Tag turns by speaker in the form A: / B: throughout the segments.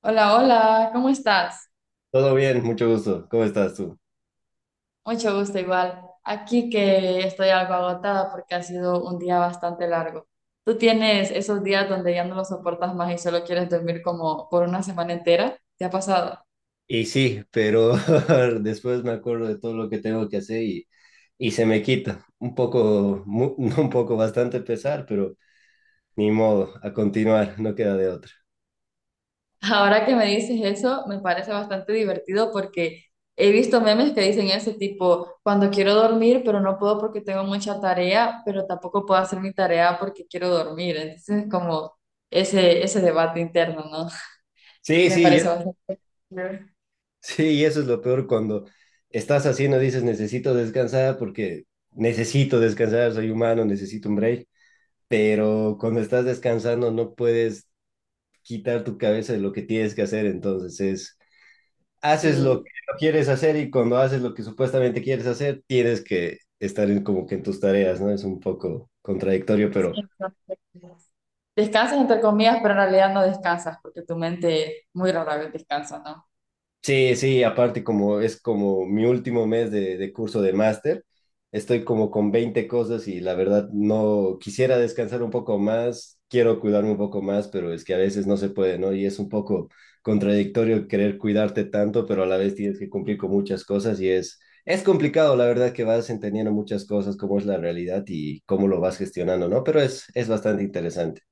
A: Hola, hola, ¿cómo estás?
B: Todo bien, mucho gusto. ¿Cómo estás tú?
A: Mucho gusto igual. Aquí que estoy algo agotada porque ha sido un día bastante largo. ¿Tú tienes esos días donde ya no lo soportas más y solo quieres dormir como por una semana entera? ¿Te ha pasado?
B: Y sí, pero después me acuerdo de todo lo que tengo que hacer y se me quita. Un poco, no un poco, bastante pesar, pero ni modo, a continuar, no queda de otra.
A: Ahora que me dices eso, me parece bastante divertido porque he visto memes que dicen ese tipo, cuando quiero dormir, pero no puedo porque tengo mucha tarea, pero tampoco puedo hacer mi tarea porque quiero dormir. Entonces, es como ese debate interno, ¿no?
B: Sí,
A: Me
B: sí,
A: parece bastante...
B: sí, y eso es lo peor cuando estás haciendo, dices, necesito descansar porque necesito descansar, soy humano, necesito un break, pero cuando estás descansando no puedes quitar tu cabeza de lo que tienes que hacer, entonces es haces lo
A: Y,
B: que no quieres hacer y cuando haces lo que supuestamente quieres hacer, tienes que estar en, como que en tus tareas, ¿no? Es un poco contradictorio,
A: sí,
B: pero
A: entonces, descansas entre comillas, pero en realidad no descansas porque tu mente muy rara vez descansa, ¿no?
B: sí, sí, aparte como es como mi último mes de curso de máster, estoy como con 20 cosas y la verdad no quisiera descansar un poco más, quiero cuidarme un poco más, pero es que a veces no se puede, ¿no? Y es un poco contradictorio querer cuidarte tanto, pero a la vez tienes que cumplir con muchas cosas y es complicado, la verdad que vas entendiendo muchas cosas, cómo es la realidad y cómo lo vas gestionando, ¿no? Pero es bastante interesante.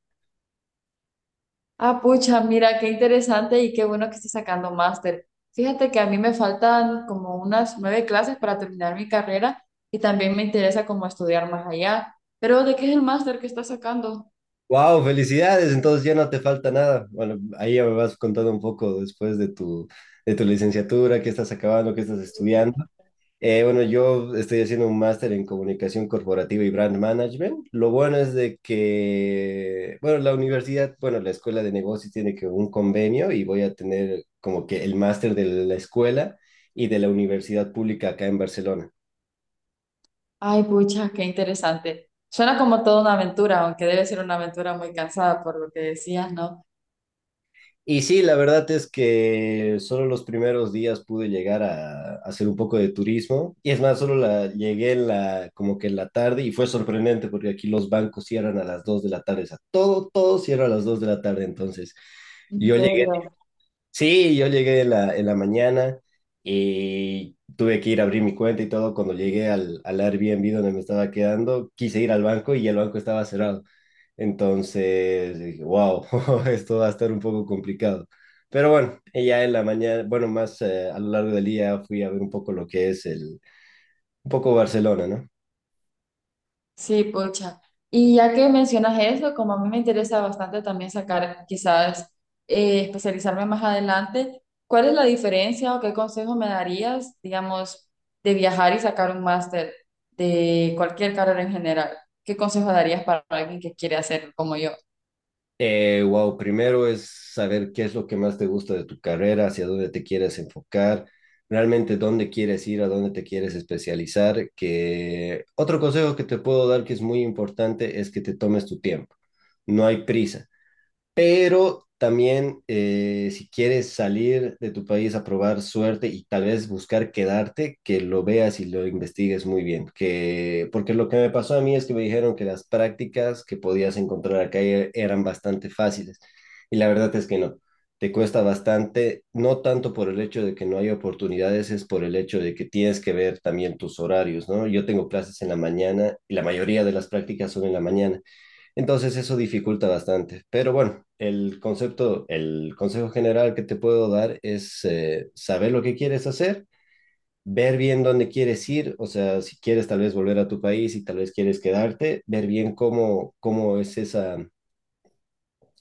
A: Ah, pucha, mira, qué interesante y qué bueno que estés sacando máster. Fíjate que a mí me faltan como unas nueve clases para terminar mi carrera y también me interesa como estudiar más allá. Pero, ¿de qué es el máster que estás sacando?
B: Wow, felicidades. Entonces ya no te falta nada. Bueno, ahí ya me vas contando un poco después de tu licenciatura, qué estás acabando, qué estás estudiando. Bueno, yo estoy haciendo un máster en comunicación corporativa y brand management. Lo bueno es de que, bueno, la universidad, bueno, la escuela de negocios tiene que un convenio y voy a tener como que el máster de la escuela y de la universidad pública acá en Barcelona.
A: Ay, pucha, qué interesante. Suena como toda una aventura, aunque debe ser una aventura muy cansada por lo que decías, ¿no?
B: Y sí, la verdad es que solo los primeros días pude llegar a hacer un poco de turismo. Y es más, solo la, llegué en la, como que en la tarde y fue sorprendente porque aquí los bancos cierran a las 2 de la tarde. O sea, todo, todo cierra a las 2 de la tarde. Entonces,
A: ¿En
B: yo llegué
A: serio?
B: sí, yo llegué en la mañana y tuve que ir a abrir mi cuenta y todo. Cuando llegué al, al Airbnb donde me estaba quedando, quise ir al banco y el banco estaba cerrado. Entonces dije, wow, esto va a estar un poco complicado. Pero bueno, y ya en la mañana, bueno, más a lo largo del día fui a ver un poco lo que es el, un poco Barcelona, ¿no?
A: Sí, pocha. Y ya que mencionas eso, como a mí me interesa bastante también sacar, quizás especializarme más adelante, ¿cuál es la diferencia o qué consejo me darías, digamos, de viajar y sacar un máster de cualquier carrera en general? ¿Qué consejo darías para alguien que quiere hacerlo como yo?
B: Wow, primero es saber qué es lo que más te gusta de tu carrera, hacia dónde te quieres enfocar, realmente dónde quieres ir, a dónde te quieres especializar. Que otro consejo que te puedo dar que es muy importante es que te tomes tu tiempo. No hay prisa. Pero también si quieres salir de tu país a probar suerte y tal vez buscar quedarte, que lo veas y lo investigues muy bien. Que, porque lo que me pasó a mí es que me dijeron que las prácticas que podías encontrar acá eran bastante fáciles. Y la verdad es que no. Te cuesta bastante, no tanto por el hecho de que no hay oportunidades, es por el hecho de que tienes que ver también tus horarios, ¿no? Yo tengo clases en la mañana y la mayoría de las prácticas son en la mañana. Entonces eso dificulta bastante. Pero bueno, el concepto, el consejo general que te puedo dar es saber lo que quieres hacer, ver bien dónde quieres ir, o sea, si quieres tal vez volver a tu país y tal vez quieres quedarte, ver bien cómo, cómo es esa,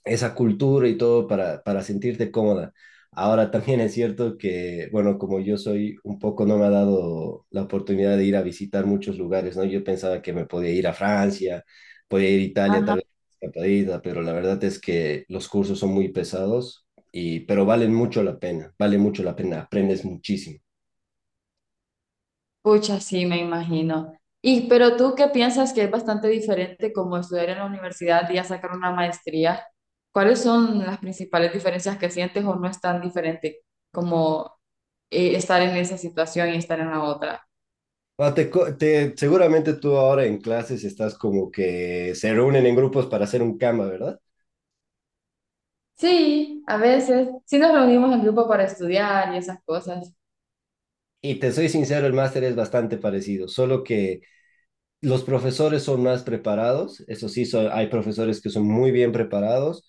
B: esa cultura y todo para sentirte cómoda. Ahora también es cierto que, bueno, como yo soy un poco, no me ha dado la oportunidad de ir a visitar muchos lugares, ¿no? Yo pensaba que me podía ir a Francia, podía ir a Italia, tal vez, escapadita, pero la verdad es que los cursos son muy pesados, y, pero valen mucho la pena, vale mucho la pena, aprendes muchísimo.
A: Pucha, sí, me imagino. Y, ¿pero tú qué piensas que es bastante diferente como estudiar en la universidad y ya sacar una maestría? ¿Cuáles son las principales diferencias que sientes o no es tan diferente como estar en esa situación y estar en la otra?
B: Bueno, seguramente tú ahora en clases estás como que se reúnen en grupos para hacer un cama, ¿verdad?
A: Sí, a veces sí nos reunimos en grupo para estudiar y esas cosas.
B: Y te soy sincero, el máster es bastante parecido, solo que los profesores son más preparados, eso sí, hay profesores que son muy bien preparados.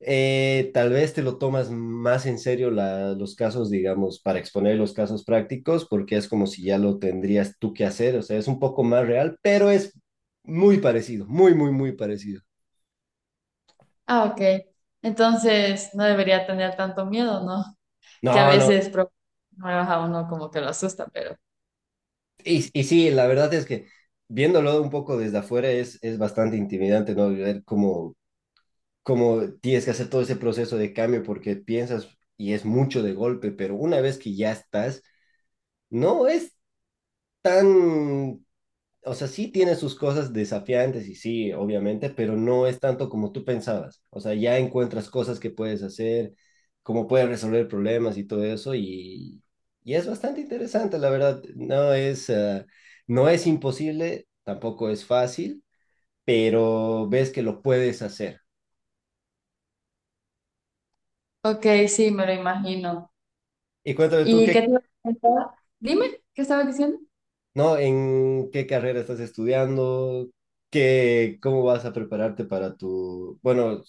B: Tal vez te lo tomas más en serio los casos, digamos, para exponer los casos prácticos, porque es como si ya lo tendrías tú que hacer, o sea, es un poco más real, pero es muy parecido, muy, muy, muy parecido.
A: Ah, ok. Entonces no debería tener tanto miedo, ¿no? Que a
B: No, no,
A: veces nuevas a uno como que lo asusta, pero...
B: y sí, la verdad es que viéndolo un poco desde afuera es bastante intimidante, ¿no? Ver cómo como tienes que hacer todo ese proceso de cambio porque piensas y es mucho de golpe, pero una vez que ya estás, no es tan, o sea, sí tiene sus cosas desafiantes y sí, obviamente, pero no es tanto como tú pensabas. O sea, ya encuentras cosas que puedes hacer, cómo puedes resolver problemas y todo eso y es bastante interesante, la verdad. No es, no es imposible, tampoco es fácil, pero ves que lo puedes hacer.
A: Ok, sí, me lo imagino.
B: Y cuéntame tú,
A: ¿Y
B: ¿qué
A: qué te iba a preguntar? Dime, ¿qué estabas diciendo?
B: ¿no? ¿En qué carrera estás estudiando? ¿Qué, cómo vas a prepararte para tu... Bueno,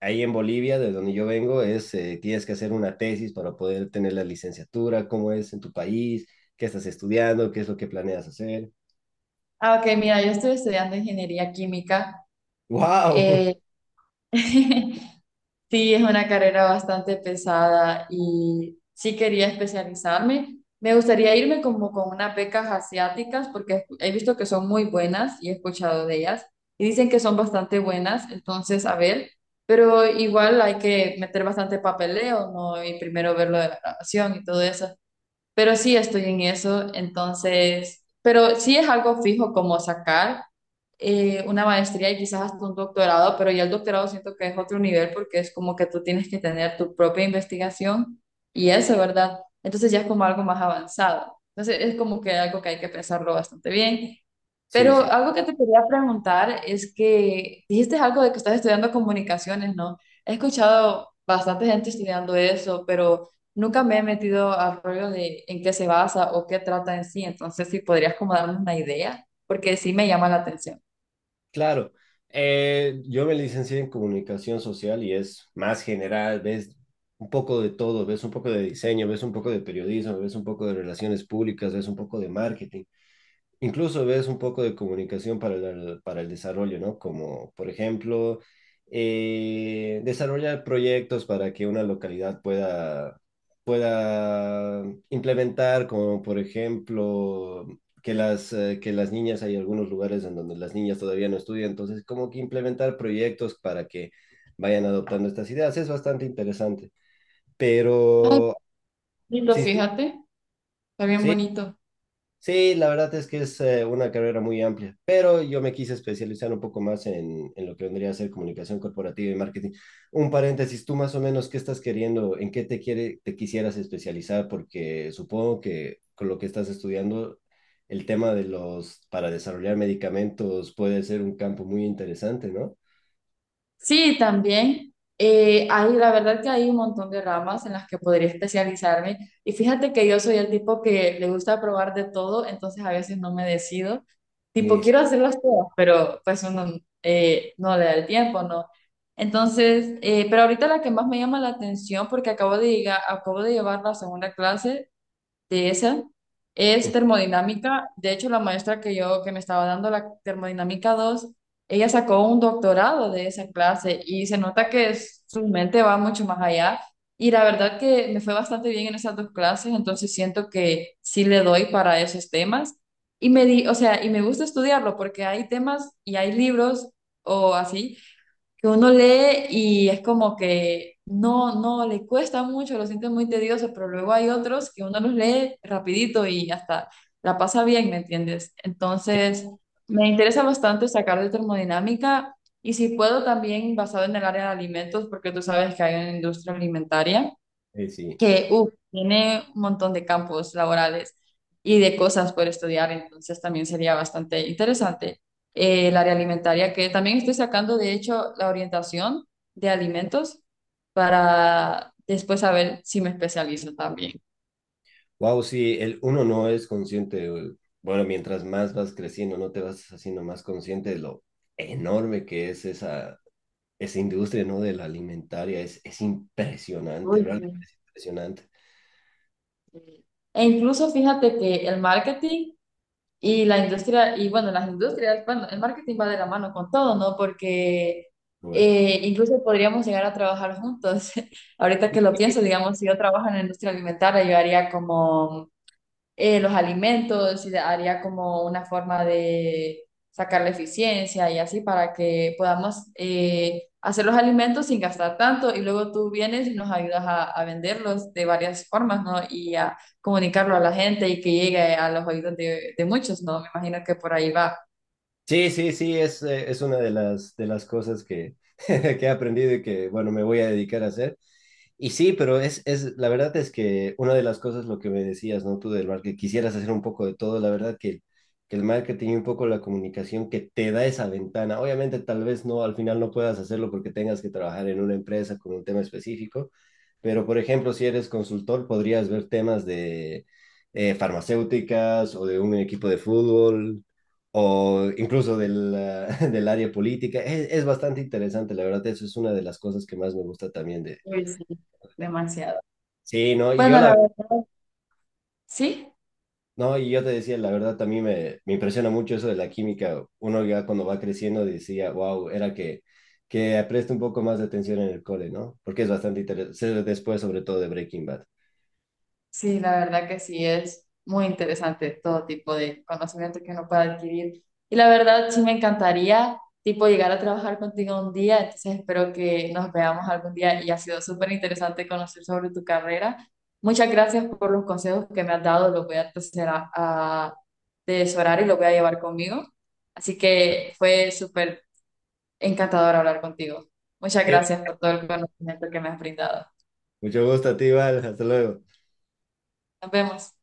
B: ahí en Bolivia, de donde yo vengo, es, tienes que hacer una tesis para poder tener la licenciatura, cómo es en tu país, qué estás estudiando, qué es lo que planeas hacer.
A: Ah, ok, mira, yo estoy estudiando ingeniería química.
B: ¡Wow!
A: Eh, sí, es una carrera bastante pesada y sí quería especializarme. Me gustaría irme como con unas becas asiáticas porque he visto que son muy buenas y he escuchado de ellas y dicen que son bastante buenas, entonces a ver, pero igual hay que meter bastante papeleo, ¿no? Y primero ver lo de la grabación y todo eso. Pero sí estoy en eso, entonces, pero sí es algo fijo como sacar una maestría y quizás hasta un doctorado, pero ya el doctorado siento que es otro nivel porque es como que tú tienes que tener tu propia investigación y eso, ¿verdad? Entonces ya es como algo más avanzado. Entonces es como que algo que hay que pensarlo bastante bien,
B: Sí,
A: pero
B: sí,
A: algo que te quería preguntar es que dijiste algo de que estás estudiando comunicaciones, ¿no? He escuchado bastante gente estudiando eso, pero nunca me he metido al rollo de en qué se basa o qué trata en sí. Entonces, si podrías como darme una idea, porque sí me llama la atención.
B: claro. Yo me licencié en comunicación social y es más general, ves un poco de todo, ves un poco de diseño, ves un poco de periodismo, ves un poco de relaciones públicas, ves un poco de marketing. Incluso ves un poco de comunicación para el desarrollo, ¿no? Como, por ejemplo, desarrollar proyectos para que una localidad pueda implementar, como por ejemplo, que las niñas, hay algunos lugares en donde las niñas todavía no estudian, entonces como que implementar proyectos para que vayan adoptando estas ideas, es bastante interesante.
A: Ay,
B: Pero,
A: lindo,
B: sí, sí,
A: fíjate, está bien
B: sí,
A: bonito.
B: sí, la verdad es que es una carrera muy amplia, pero yo me quise especializar un poco más en lo que vendría a ser comunicación corporativa y marketing. Un paréntesis, tú más o menos, ¿qué estás queriendo? ¿En qué te quiere, te quisieras especializar? Porque supongo que con lo que estás estudiando, el tema de los, para desarrollar medicamentos puede ser un campo muy interesante, ¿no?
A: Sí, también. La verdad que hay un montón de ramas en las que podría especializarme. Y fíjate que yo soy el tipo que le gusta probar de todo, entonces a veces no me decido. Tipo,
B: Sí, sí,
A: quiero hacerlas todas, pero pues uno no le da el tiempo, ¿no? Entonces, pero ahorita la que más me llama la atención, porque acabo de llegar, acabo de llevar la segunda clase, de esa, es termodinámica. De hecho, la maestra que yo que me estaba dando la termodinámica dos, ella sacó un doctorado de esa clase y se nota que su mente va mucho más allá. Y la verdad que me fue bastante bien en esas dos clases, entonces siento que sí le doy para esos temas. Y me di, o sea, y me gusta estudiarlo porque hay temas y hay libros o así que uno lee y es como que no, no, le cuesta mucho, lo siente muy tedioso, pero luego hay otros que uno los lee rapidito y hasta la pasa bien, ¿me entiendes? Entonces, me interesa bastante sacar de termodinámica y si puedo también basado en el área de alimentos, porque tú sabes que hay una industria alimentaria
B: sí. Sí.
A: que uf, tiene un montón de campos laborales y de cosas por estudiar, entonces también sería bastante interesante. El área alimentaria, que también estoy sacando, de hecho, la orientación de alimentos, para después saber si me especializo también.
B: Wow, sí, el, uno no es consciente. Güey. Bueno, mientras más vas creciendo, no te vas haciendo más consciente de lo enorme que es esa, esa industria, ¿no? De la alimentaria. Es impresionante,
A: Uy,
B: realmente
A: sí.
B: es impresionante.
A: E incluso fíjate que el marketing. Y la industria, y bueno, las industrias, bueno, el marketing va de la mano con todo, ¿no? Porque
B: Bueno.
A: incluso podríamos llegar a trabajar juntos. Ahorita que lo pienso, digamos, si yo trabajo en la industria alimentaria, yo haría como los alimentos y haría como una forma de sacar la eficiencia y así para que podamos hacer los alimentos sin gastar tanto y luego tú vienes y nos ayudas a venderlos de varias formas, ¿no? Y a comunicarlo a la gente y que llegue a los oídos de muchos, ¿no? Me imagino que por ahí va.
B: Sí, sí, sí, es una de las cosas que, que he aprendido y que, bueno, me voy a dedicar a hacer. Y sí, pero es, la verdad es que una de las cosas, lo que me decías, ¿no? Tú del mar, que quisieras hacer un poco de todo, la verdad que el marketing y un poco la comunicación que te da esa ventana. Obviamente, tal vez no, al final no puedas hacerlo porque tengas que trabajar en una empresa con un tema específico, pero por ejemplo, si eres consultor, podrías ver temas de farmacéuticas o de un equipo de fútbol, o incluso del, ah, del área política. Es bastante interesante, la verdad, eso es una de las cosas que más me gusta también de...
A: Uy, sí, demasiado.
B: Sí, no, y yo
A: Bueno, la
B: la...
A: verdad, sí.
B: No, y yo te decía, la verdad, también me impresiona mucho eso de la química. Uno ya cuando va creciendo decía, wow, era que preste un poco más de atención en el cole, ¿no? Porque es bastante interesante, después sobre todo de Breaking Bad.
A: Sí, la verdad que sí es muy interesante todo tipo de conocimiento que uno pueda adquirir. Y la verdad sí me encantaría tipo llegar a trabajar contigo un día, entonces espero que nos veamos algún día y ha sido súper interesante conocer sobre tu carrera. Muchas gracias por los consejos que me has dado, los voy a empezar a atesorar y los voy a llevar conmigo. Así que fue súper encantador hablar contigo. Muchas
B: Y bueno,
A: gracias por todo el conocimiento que me has brindado.
B: mucho gusto a ti, Val, hasta luego.
A: Nos vemos.